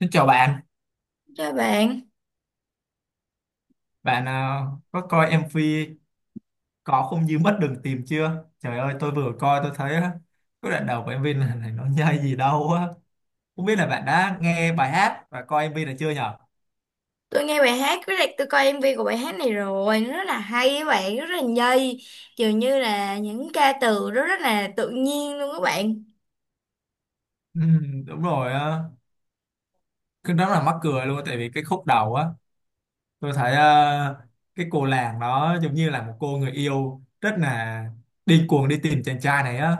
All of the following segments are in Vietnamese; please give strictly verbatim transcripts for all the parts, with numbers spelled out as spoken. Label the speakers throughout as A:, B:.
A: Xin chào bạn,
B: Chào bạn,
A: bạn à, có coi em vê Có Không Như Mất Đường Tìm chưa? Trời ơi, tôi vừa coi tôi thấy á, cái đoạn đầu của em vê này, này nó nhây gì đâu á. Không biết là bạn đã nghe bài hát và coi em vê này chưa nhở?
B: tôi nghe bài hát với lại tôi coi em vê của bài hát này rồi, nó rất là hay các bạn, rất là nhây, dường như là những ca từ đó rất là tự nhiên luôn các bạn.
A: Ừ, đúng rồi, á. Cái đó là mắc cười luôn tại vì cái khúc đầu á, tôi thấy à, cái cô làng đó giống như là một cô người yêu rất là điên cuồng đi tìm chàng trai này á.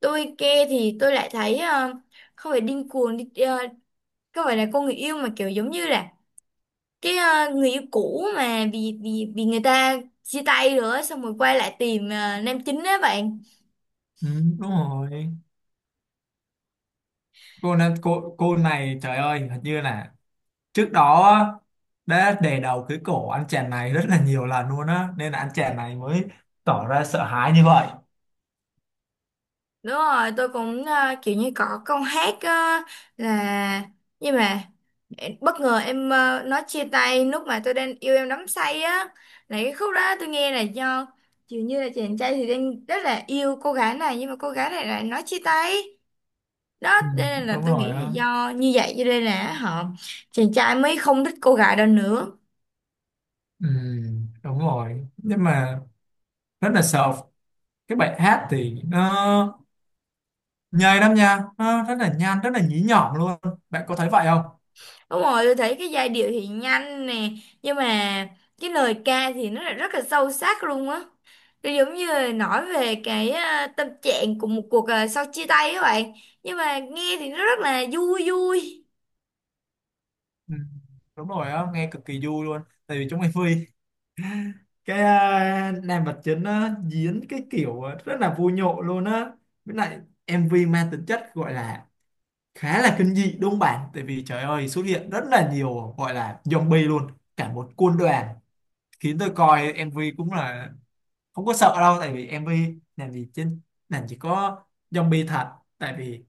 B: Tôi nghe thì tôi lại thấy ờ, không phải điên cuồng, đi- ờ, không phải là cô người yêu mà kiểu giống như là cái ờ, người yêu cũ mà vì vì vì người ta chia tay rồi, xong rồi quay lại tìm ờ, nam chính đó bạn.
A: Ừ, đúng rồi. Cô, này- cô, cô này trời ơi, hình như là trước đó đã đè đầu cái cổ anh chàng này rất là nhiều lần luôn á, nên là anh chàng này mới tỏ ra sợ hãi như vậy.
B: Đúng rồi, tôi cũng ờ, kiểu như có câu hát ờ, là nhưng mà bất ngờ em ờ, nói chia tay lúc mà tôi đang yêu em đắm say á, là cái khúc đó tôi nghe là do dường như là chàng trai thì đang rất là yêu cô gái này, nhưng mà cô gái này lại nói chia tay đó,
A: Ừ,
B: cho nên là
A: đúng
B: tôi
A: rồi
B: nghĩ là
A: á.
B: do như vậy cho nên là họ, chàng trai mới không thích cô gái đó nữa.
A: Ừ, đúng rồi, nhưng mà rất là sợ. Cái bài hát thì nó nhây lắm nha, nó rất là nhanh, rất là nhí nhỏm luôn, bạn có thấy vậy không?
B: Đúng rồi, tôi thấy cái giai điệu thì nhanh nè, nhưng mà cái lời ca thì nó lại rất là sâu sắc luôn á. Nó giống như là nói về cái à, tâm trạng của một cuộc à, sau chia tay các bạn. Nhưng mà nghe thì nó rất là vui vui.
A: Ừ, đúng rồi á, nghe cực kỳ vui luôn. Tại vì trong em vê cái à, nam vật chính á diễn cái kiểu rất là vui nhộn luôn á. Với lại em vê mang tính chất gọi là khá là kinh dị, đúng không bạn? Tại vì trời ơi xuất hiện rất là nhiều gọi là zombie luôn, cả một quân đoàn, khiến tôi coi em vê cũng là không có sợ đâu. Tại vì em vê làm gì trên làm chỉ có zombie thật, tại vì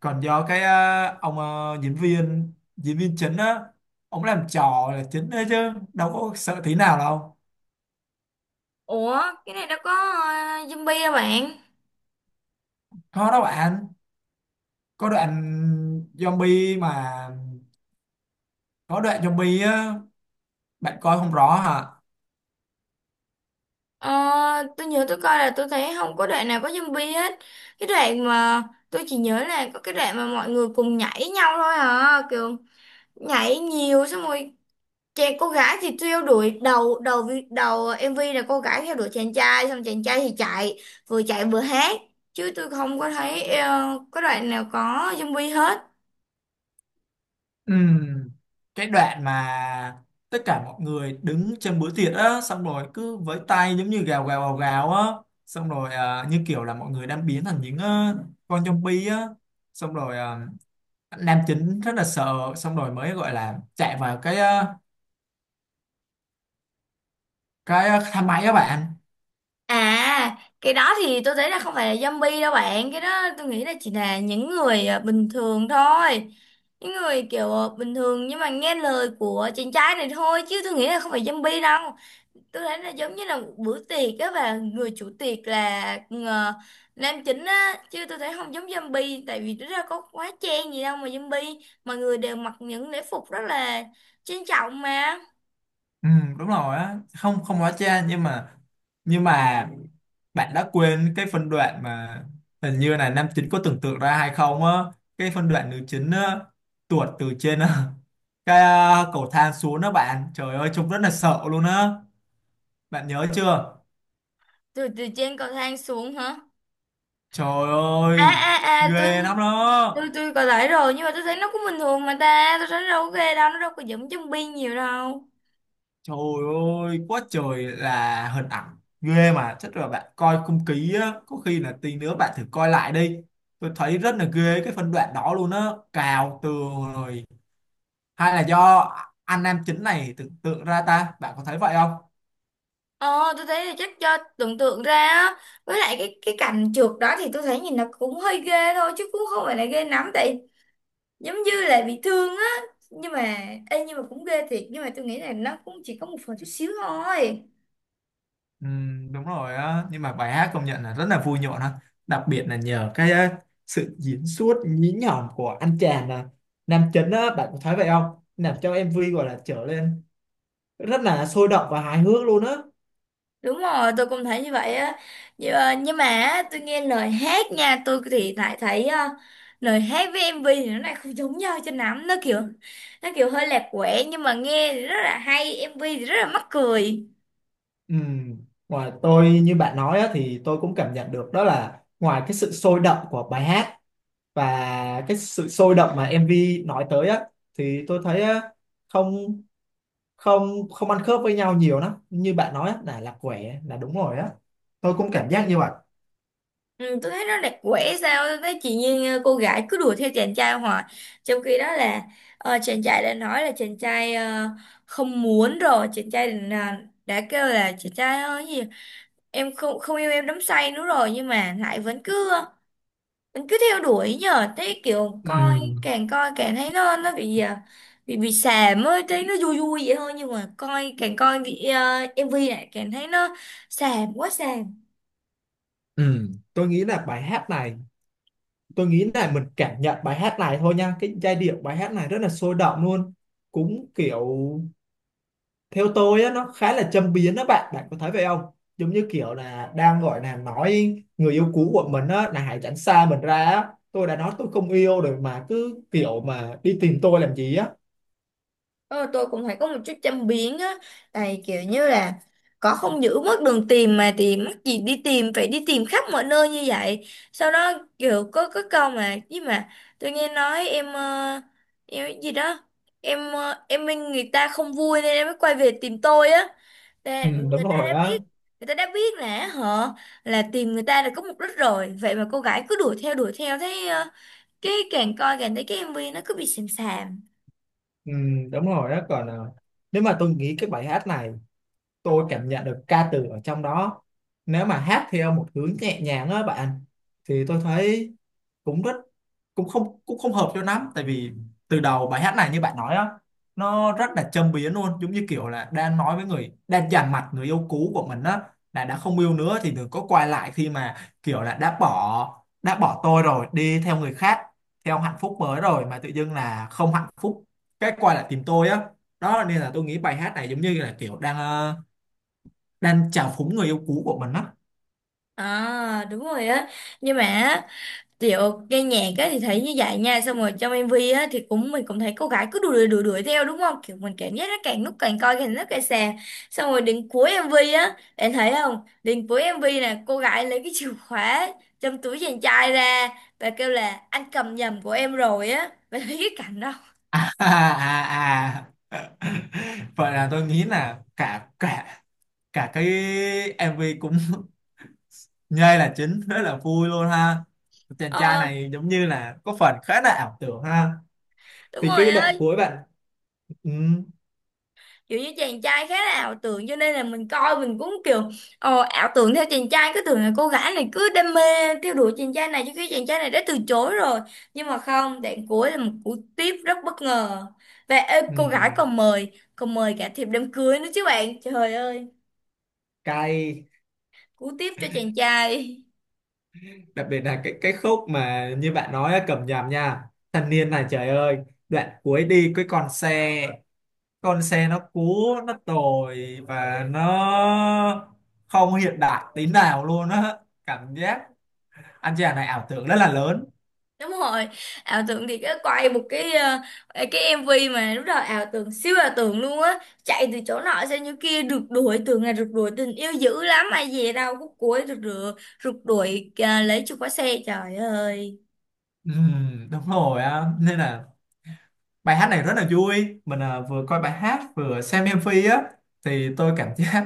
A: còn do cái ờ, ông ờ, diễn viên diễn viên chính á, ông làm trò là chính đấy chứ đâu có sợ tí nào đâu.
B: Ủa, cái này nó có à, zombie hả bạn?
A: Có đâu bạn, có đoạn zombie mà, có đoạn zombie á, bạn coi không rõ hả?
B: Ờ, tôi nhớ tôi coi là tôi thấy không có đoạn nào có zombie hết. Cái đoạn mà tôi chỉ nhớ là có cái đoạn mà mọi người cùng nhảy nhau thôi à, kiểu nhảy nhiều xong rồi chàng cô gái thì theo đuổi đầu đầu vi- đầu ờ, em MV là cô gái theo đuổi chàng trai, xong chàng trai thì chạy, vừa chạy vừa hát, chứ tôi không có thấy ờ, có đoạn nào có zombie hết.
A: Ừm, cái đoạn mà tất cả mọi người đứng trên bữa tiệc á, xong rồi cứ với tay giống như gào gào gào gào á, xong rồi à, như kiểu là mọi người đang biến thành những ờ, con zombie á, xong rồi à, nam chính rất là sợ, xong rồi mới gọi là chạy vào cái ờ, cái ờ, thang máy á bạn.
B: À, cái đó thì tôi thấy là không phải là zombie đâu bạn, cái đó tôi nghĩ là chỉ là những người ờ, bình thường thôi, những người kiểu ờ, bình thường nhưng mà nghe lời của chàng trai này thôi, chứ tôi nghĩ là không phải zombie đâu. Tôi thấy là giống như là một bữa tiệc á, và người chủ tiệc là ờ, nam chính á, chứ tôi thấy không giống zombie, tại vì nó ra có quá chen gì đâu mà zombie, mọi người đều mặc những lễ phục rất là trang trọng mà.
A: Ừ, đúng rồi á, không không hóa trang, nhưng mà nhưng mà bạn đã quên cái phân đoạn mà hình như là nam chính có tưởng tượng ra hay không á? Cái phân đoạn nữ chính á, tuột từ trên á, cái à, cầu thang xuống đó bạn, trời ơi trông rất là sợ luôn á, bạn nhớ chưa?
B: Từ từ trên cầu thang xuống hả?
A: Trời
B: À
A: ơi
B: à à, tôi
A: ghê lắm
B: tôi
A: đó.
B: tôi có lại rồi, nhưng mà tôi thấy nó cũng bình thường mà ta, tôi thấy nó đâu có ghê đâu, nó đâu có giống zombie nhiều đâu.
A: Trời ơi, quá trời là hình ảnh ghê mà chắc là bạn coi không kỹ á, có khi là tí nữa bạn thử coi lại đi. Tôi thấy rất là ghê cái phân đoạn đó luôn á, cào tường rồi hay là do anh nam chính này tưởng tượng ra ta, bạn có thấy vậy không?
B: Ờ, tôi thấy là chắc cho tưởng tượng ra á, với lại cái cái cảnh trượt đó thì tôi thấy nhìn nó cũng hơi ghê thôi chứ cũng không phải là ghê lắm, tại giống như là bị thương á. Nhưng mà ê, nhưng mà cũng ghê thiệt, nhưng mà tôi nghĩ là nó cũng chỉ có một phần chút xíu thôi.
A: Ừ, đúng rồi á, nhưng mà bài hát công nhận là rất là vui nhộn ha, đặc biệt là nhờ cái ờ, sự diễn xuất nhí nhọn của anh chàng là nam chính á, bạn có thấy vậy không? Làm cho em vê gọi là trở lên rất là sôi động và hài hước luôn á.
B: Đúng rồi, tôi cũng thấy như vậy á. Nhưng, ờ, nhưng mà á, tôi nghe lời hát nha, tôi thì lại thấy ờ, lời hát với em vê thì nó lại không giống nhau cho lắm, nó kiểu nó kiểu hơi lạc quẻ, nhưng mà nghe thì rất là hay, em vê thì rất là mắc cười.
A: Ừ. Ngoài tôi như bạn nói á, thì tôi cũng cảm nhận được đó là ngoài cái sự sôi động của bài hát và cái sự sôi động mà em vê nói tới á, thì tôi thấy á, không không không ăn khớp với nhau nhiều lắm, như bạn nói á, là là quẻ là đúng rồi á, tôi cũng cảm giác như vậy.
B: Ừ, tôi thấy nó đẹp quẻ sao, tôi thấy chị Nhiên ờ, cô gái cứ đuổi theo chàng trai hoài, trong khi đó là ờ, chàng trai đã nói là chàng trai ờ, không muốn rồi, chàng trai đã, đã kêu là chàng trai ơi gì em không không yêu em đắm say nữa rồi, nhưng mà lại vẫn cứ ờ, vẫn cứ theo đuổi, nhờ thấy kiểu coi
A: Ừ.
B: càng coi càng thấy nó nó bị ờ, bị bị xàm ấy, thấy nó vui vui vậy thôi, nhưng mà coi càng coi bị, ờ, em vê này càng thấy nó xàm quá xàm.
A: Ừ, tôi nghĩ là bài hát này, tôi nghĩ là mình cảm nhận bài hát này thôi nha, cái giai điệu bài hát này rất là sôi động luôn, cũng kiểu theo tôi á nó khá là châm biếm đó bạn, bạn có thấy vậy không? Giống như kiểu là đang gọi là nói người yêu cũ của mình á là hãy tránh xa mình ra á, tôi đã nói tôi không yêu rồi mà cứ kiểu mà đi tìm tôi làm gì á.
B: Ờ, tôi cũng phải có một chút châm biếm á, tại kiểu như là có không giữ mất đường tìm mà thì mắc gì đi tìm, phải đi tìm khắp mọi nơi như vậy. Sau đó kiểu có có câu mà chứ mà tôi nghe nói em ờ, em gì đó, em ờ, em minh người ta không vui nên em mới quay về tìm tôi á. Là
A: Ừ, đúng
B: người ta
A: rồi
B: đã
A: á.
B: biết, người ta đã biết là họ, là tìm người ta là có mục đích rồi, vậy mà cô gái cứ đuổi theo đuổi theo thấy ờ, cái càng coi càng thấy cái em vê nó cứ bị xàm xàm.
A: Ừ, đúng rồi á, còn à, nếu mà tôi nghĩ cái bài hát này, tôi cảm nhận được ca từ ở trong đó, nếu mà hát theo một hướng nhẹ nhàng á bạn, thì tôi thấy cũng rất cũng không cũng không hợp cho lắm. Tại vì từ đầu bài hát này như bạn nói á, nó rất là châm biếm luôn, giống như kiểu là đang nói với người đang dằn mặt người yêu cũ của mình á, là đã không yêu nữa thì đừng có quay lại, khi mà kiểu là đã bỏ đã bỏ tôi rồi đi theo người khác, theo hạnh phúc mới rồi mà tự dưng là không hạnh phúc cái quay lại tìm tôi á. Đó nên là tôi nghĩ bài hát này giống như là kiểu đang ờ, đang chà phúng người yêu cũ của mình á.
B: À đúng rồi á. Nhưng mà á, kiểu nghe nhạc á thì thấy như vậy nha. Xong rồi trong em vê á thì cũng mình cũng thấy cô gái cứ đuổi đuổi đuổi đuổi theo đúng không? Kiểu mình cảm giác nó càng lúc càng coi càng lúc càng xà. Xong rồi đến cuối em vê á, bạn thấy không? Đến cuối em vê nè, cô gái lấy cái chìa khóa trong túi chàng trai ra, và kêu là anh cầm nhầm của em rồi á. Bạn thấy cái cảnh đó.
A: À, à, à. Vậy là tôi nghĩ là cả cả cả cái em vê cũng nhây là chính, rất là vui luôn ha, chàng trai
B: Ờ,
A: này giống như là có phần khá là ảo tưởng ha.
B: đúng
A: Thì
B: rồi
A: cái
B: á,
A: đoạn cuối bạn ừ,
B: kiểu như chàng trai khá là ảo tưởng, cho nên là mình coi mình cũng kiểu ờ, ảo tưởng theo chàng trai, cứ tưởng là cô gái này cứ đam mê theo đuổi chàng trai này, chứ khi chàng trai này đã từ chối rồi. Nhưng mà không, đoạn cuối là một cú tiếp rất bất ngờ, và ê,
A: ừ,
B: cô gái còn mời, còn mời cả thiệp đám cưới nữa chứ bạn, trời ơi,
A: cay.
B: cú tiếp cho chàng trai.
A: Đặc biệt là cái cái khúc mà như bạn nói á, cầm nhầm nha, thanh niên này trời ơi đoạn cuối đi cái con xe, con xe nó cũ nó tồi và nó không hiện đại tí nào luôn á. Cảm giác anh chàng này ảo tưởng rất là lớn.
B: Đúng rồi, ảo tưởng thì cái quay một cái ờ, cái em vê mà lúc đầu ảo tưởng, siêu ảo tưởng luôn á, chạy từ chỗ nọ sang chỗ kia rượt đuổi, tưởng là rượt đuổi tình yêu dữ lắm, mà về đâu khúc cuối rượt rượt rượt đuổi à, lấy chìa khóa xe, trời ơi.
A: Ừm, đúng rồi á, nên là bài hát này rất là vui, mình à, vừa coi bài hát vừa xem em MV á, thì tôi cảm giác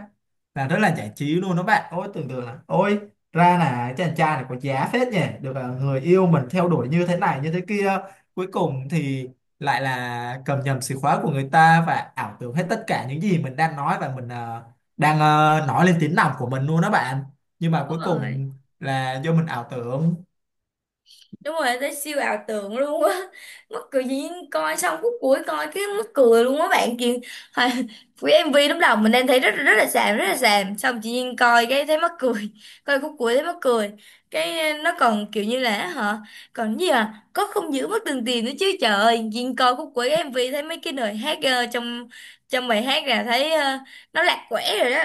A: là rất là giải trí luôn đó bạn. Ôi tưởng tượng là ôi ra là chàng trai này có giá phết nhỉ, được à, người yêu mình theo đuổi như thế này như thế kia, cuối cùng thì lại là cầm nhầm chìa khóa của người ta và ảo tưởng hết tất cả những gì mình đang nói và mình à, đang à, nói lên tiếng lòng của mình luôn đó bạn. Nhưng mà
B: Đúng
A: cuối
B: rồi,
A: cùng là do mình ảo tưởng.
B: đúng rồi, tới siêu ảo tưởng luôn á mắc cười gì, coi xong khúc cuối coi cái mắc cười luôn á bạn kia. Hồi- cái em vê lúc đầu mình đang thấy rất rất là xàm, rất là xàm, xong chị Duyên coi cái thấy mắc cười coi khúc cuối thấy mắc cười cái ờ, nó còn kiểu như là hả còn gì à, có không giữ mất từng tiền nữa chứ, trời ơi, Duyên coi khúc cuối cái em vê thấy mấy cái lời hát ờ, trong trong bài hát là thấy ờ, nó lạc quẻ rồi đó.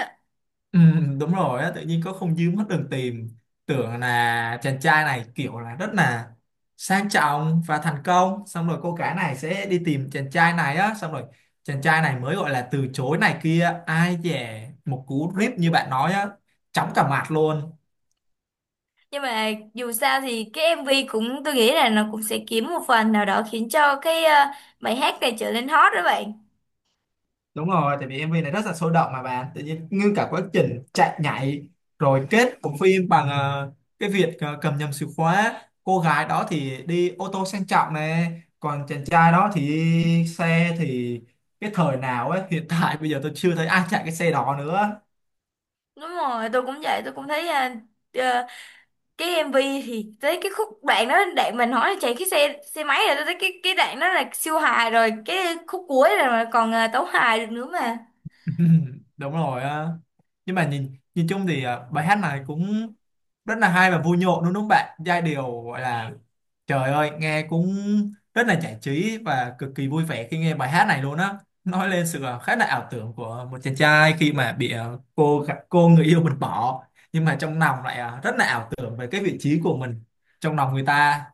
A: Ừ, đúng rồi á, tự nhiên có không dư mất đường tìm, tưởng là chàng trai này kiểu là rất là sang trọng và thành công, xong rồi cô gái này sẽ đi tìm chàng trai này á, xong rồi chàng trai này mới gọi là từ chối này kia, ai dè một cú rip như bạn nói á, chóng cả mặt luôn.
B: Nhưng mà dù sao thì cái em vê cũng, tôi nghĩ là nó cũng sẽ kiếm một phần nào đó khiến cho cái ờ, bài hát này trở nên hot đó bạn.
A: Đúng rồi, tại vì em MV này rất là sôi động mà bạn, tự nhiên ngưng cả quá trình chạy nhảy rồi kết của phim bằng ờ, cái việc ờ, cầm nhầm chìa khóa. Cô gái đó thì đi ô tô sang trọng này, còn chàng trai đó thì đi xe thì cái thời nào ấy, hiện tại bây giờ tôi chưa thấy ai chạy cái xe đó nữa.
B: Đúng rồi, tôi cũng vậy, tôi cũng thấy ờ, ờ, cái em vê thì tới cái khúc đoạn đó, đoạn mình hỏi là chạy cái xe xe máy rồi, tôi thấy cái cái đoạn đó là siêu hài rồi, cái khúc cuối rồi mà còn ờ, tấu hài được nữa mà.
A: Đúng rồi á, nhưng mà nhìn nhìn chung thì à, bài hát này cũng rất là hay và vui nhộn đúng không bạn? Giai điệu gọi là trời ơi nghe cũng rất là giải trí và cực kỳ vui vẻ khi nghe bài hát này luôn á, nói lên sự à, khá là ảo tưởng của một chàng trai khi mà bị à, cô gặp cô người yêu mình bỏ, nhưng mà trong lòng lại à, rất là ảo tưởng về cái vị trí của mình trong lòng người ta.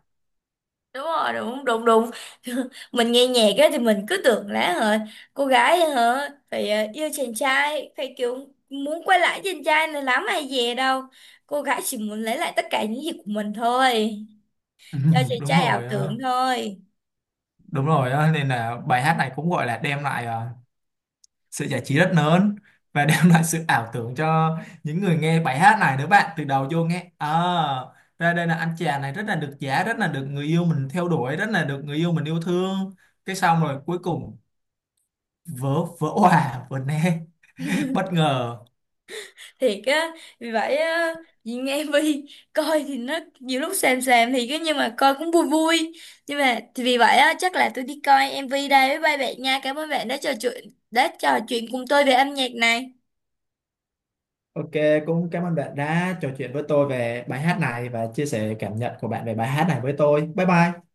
B: Đúng rồi, đúng đúng đúng mình nghe nhạc á thì mình cứ tưởng là hả cô gái hả phải ờ, yêu chàng trai, phải kiểu muốn quay lại chàng trai này lắm hay gì đâu, cô gái chỉ muốn lấy lại tất cả những gì của mình thôi, do chàng
A: Đúng
B: trai ảo
A: rồi
B: tưởng
A: á.
B: thôi.
A: Đúng rồi á, nên là bài hát này cũng gọi là đem lại à, sự giải trí rất lớn và đem lại sự ảo tưởng cho những người nghe bài hát này nữa bạn. Từ đầu vô nghe à, ra đây là anh chàng này rất là được giá, rất là được người yêu mình theo đuổi, rất là được người yêu mình yêu thương, cái xong rồi cuối cùng vỡ vỡ òa vỡ nè, bất ngờ.
B: Thiệt á, vì vậy á, nhìn nghe Vi coi thì nó nhiều lúc xàm xàm thì cái, nhưng mà coi cũng vui vui. Nhưng mà thì vì vậy á, chắc là tôi đi coi em vê đây với ba bạn nha, cảm ơn bạn đã trò chuyện, đã trò chuyện cùng tôi về âm nhạc này.
A: Ok, cũng cảm ơn bạn đã trò chuyện với tôi về bài hát này và chia sẻ cảm nhận của bạn về bài hát này với tôi. Bye bye.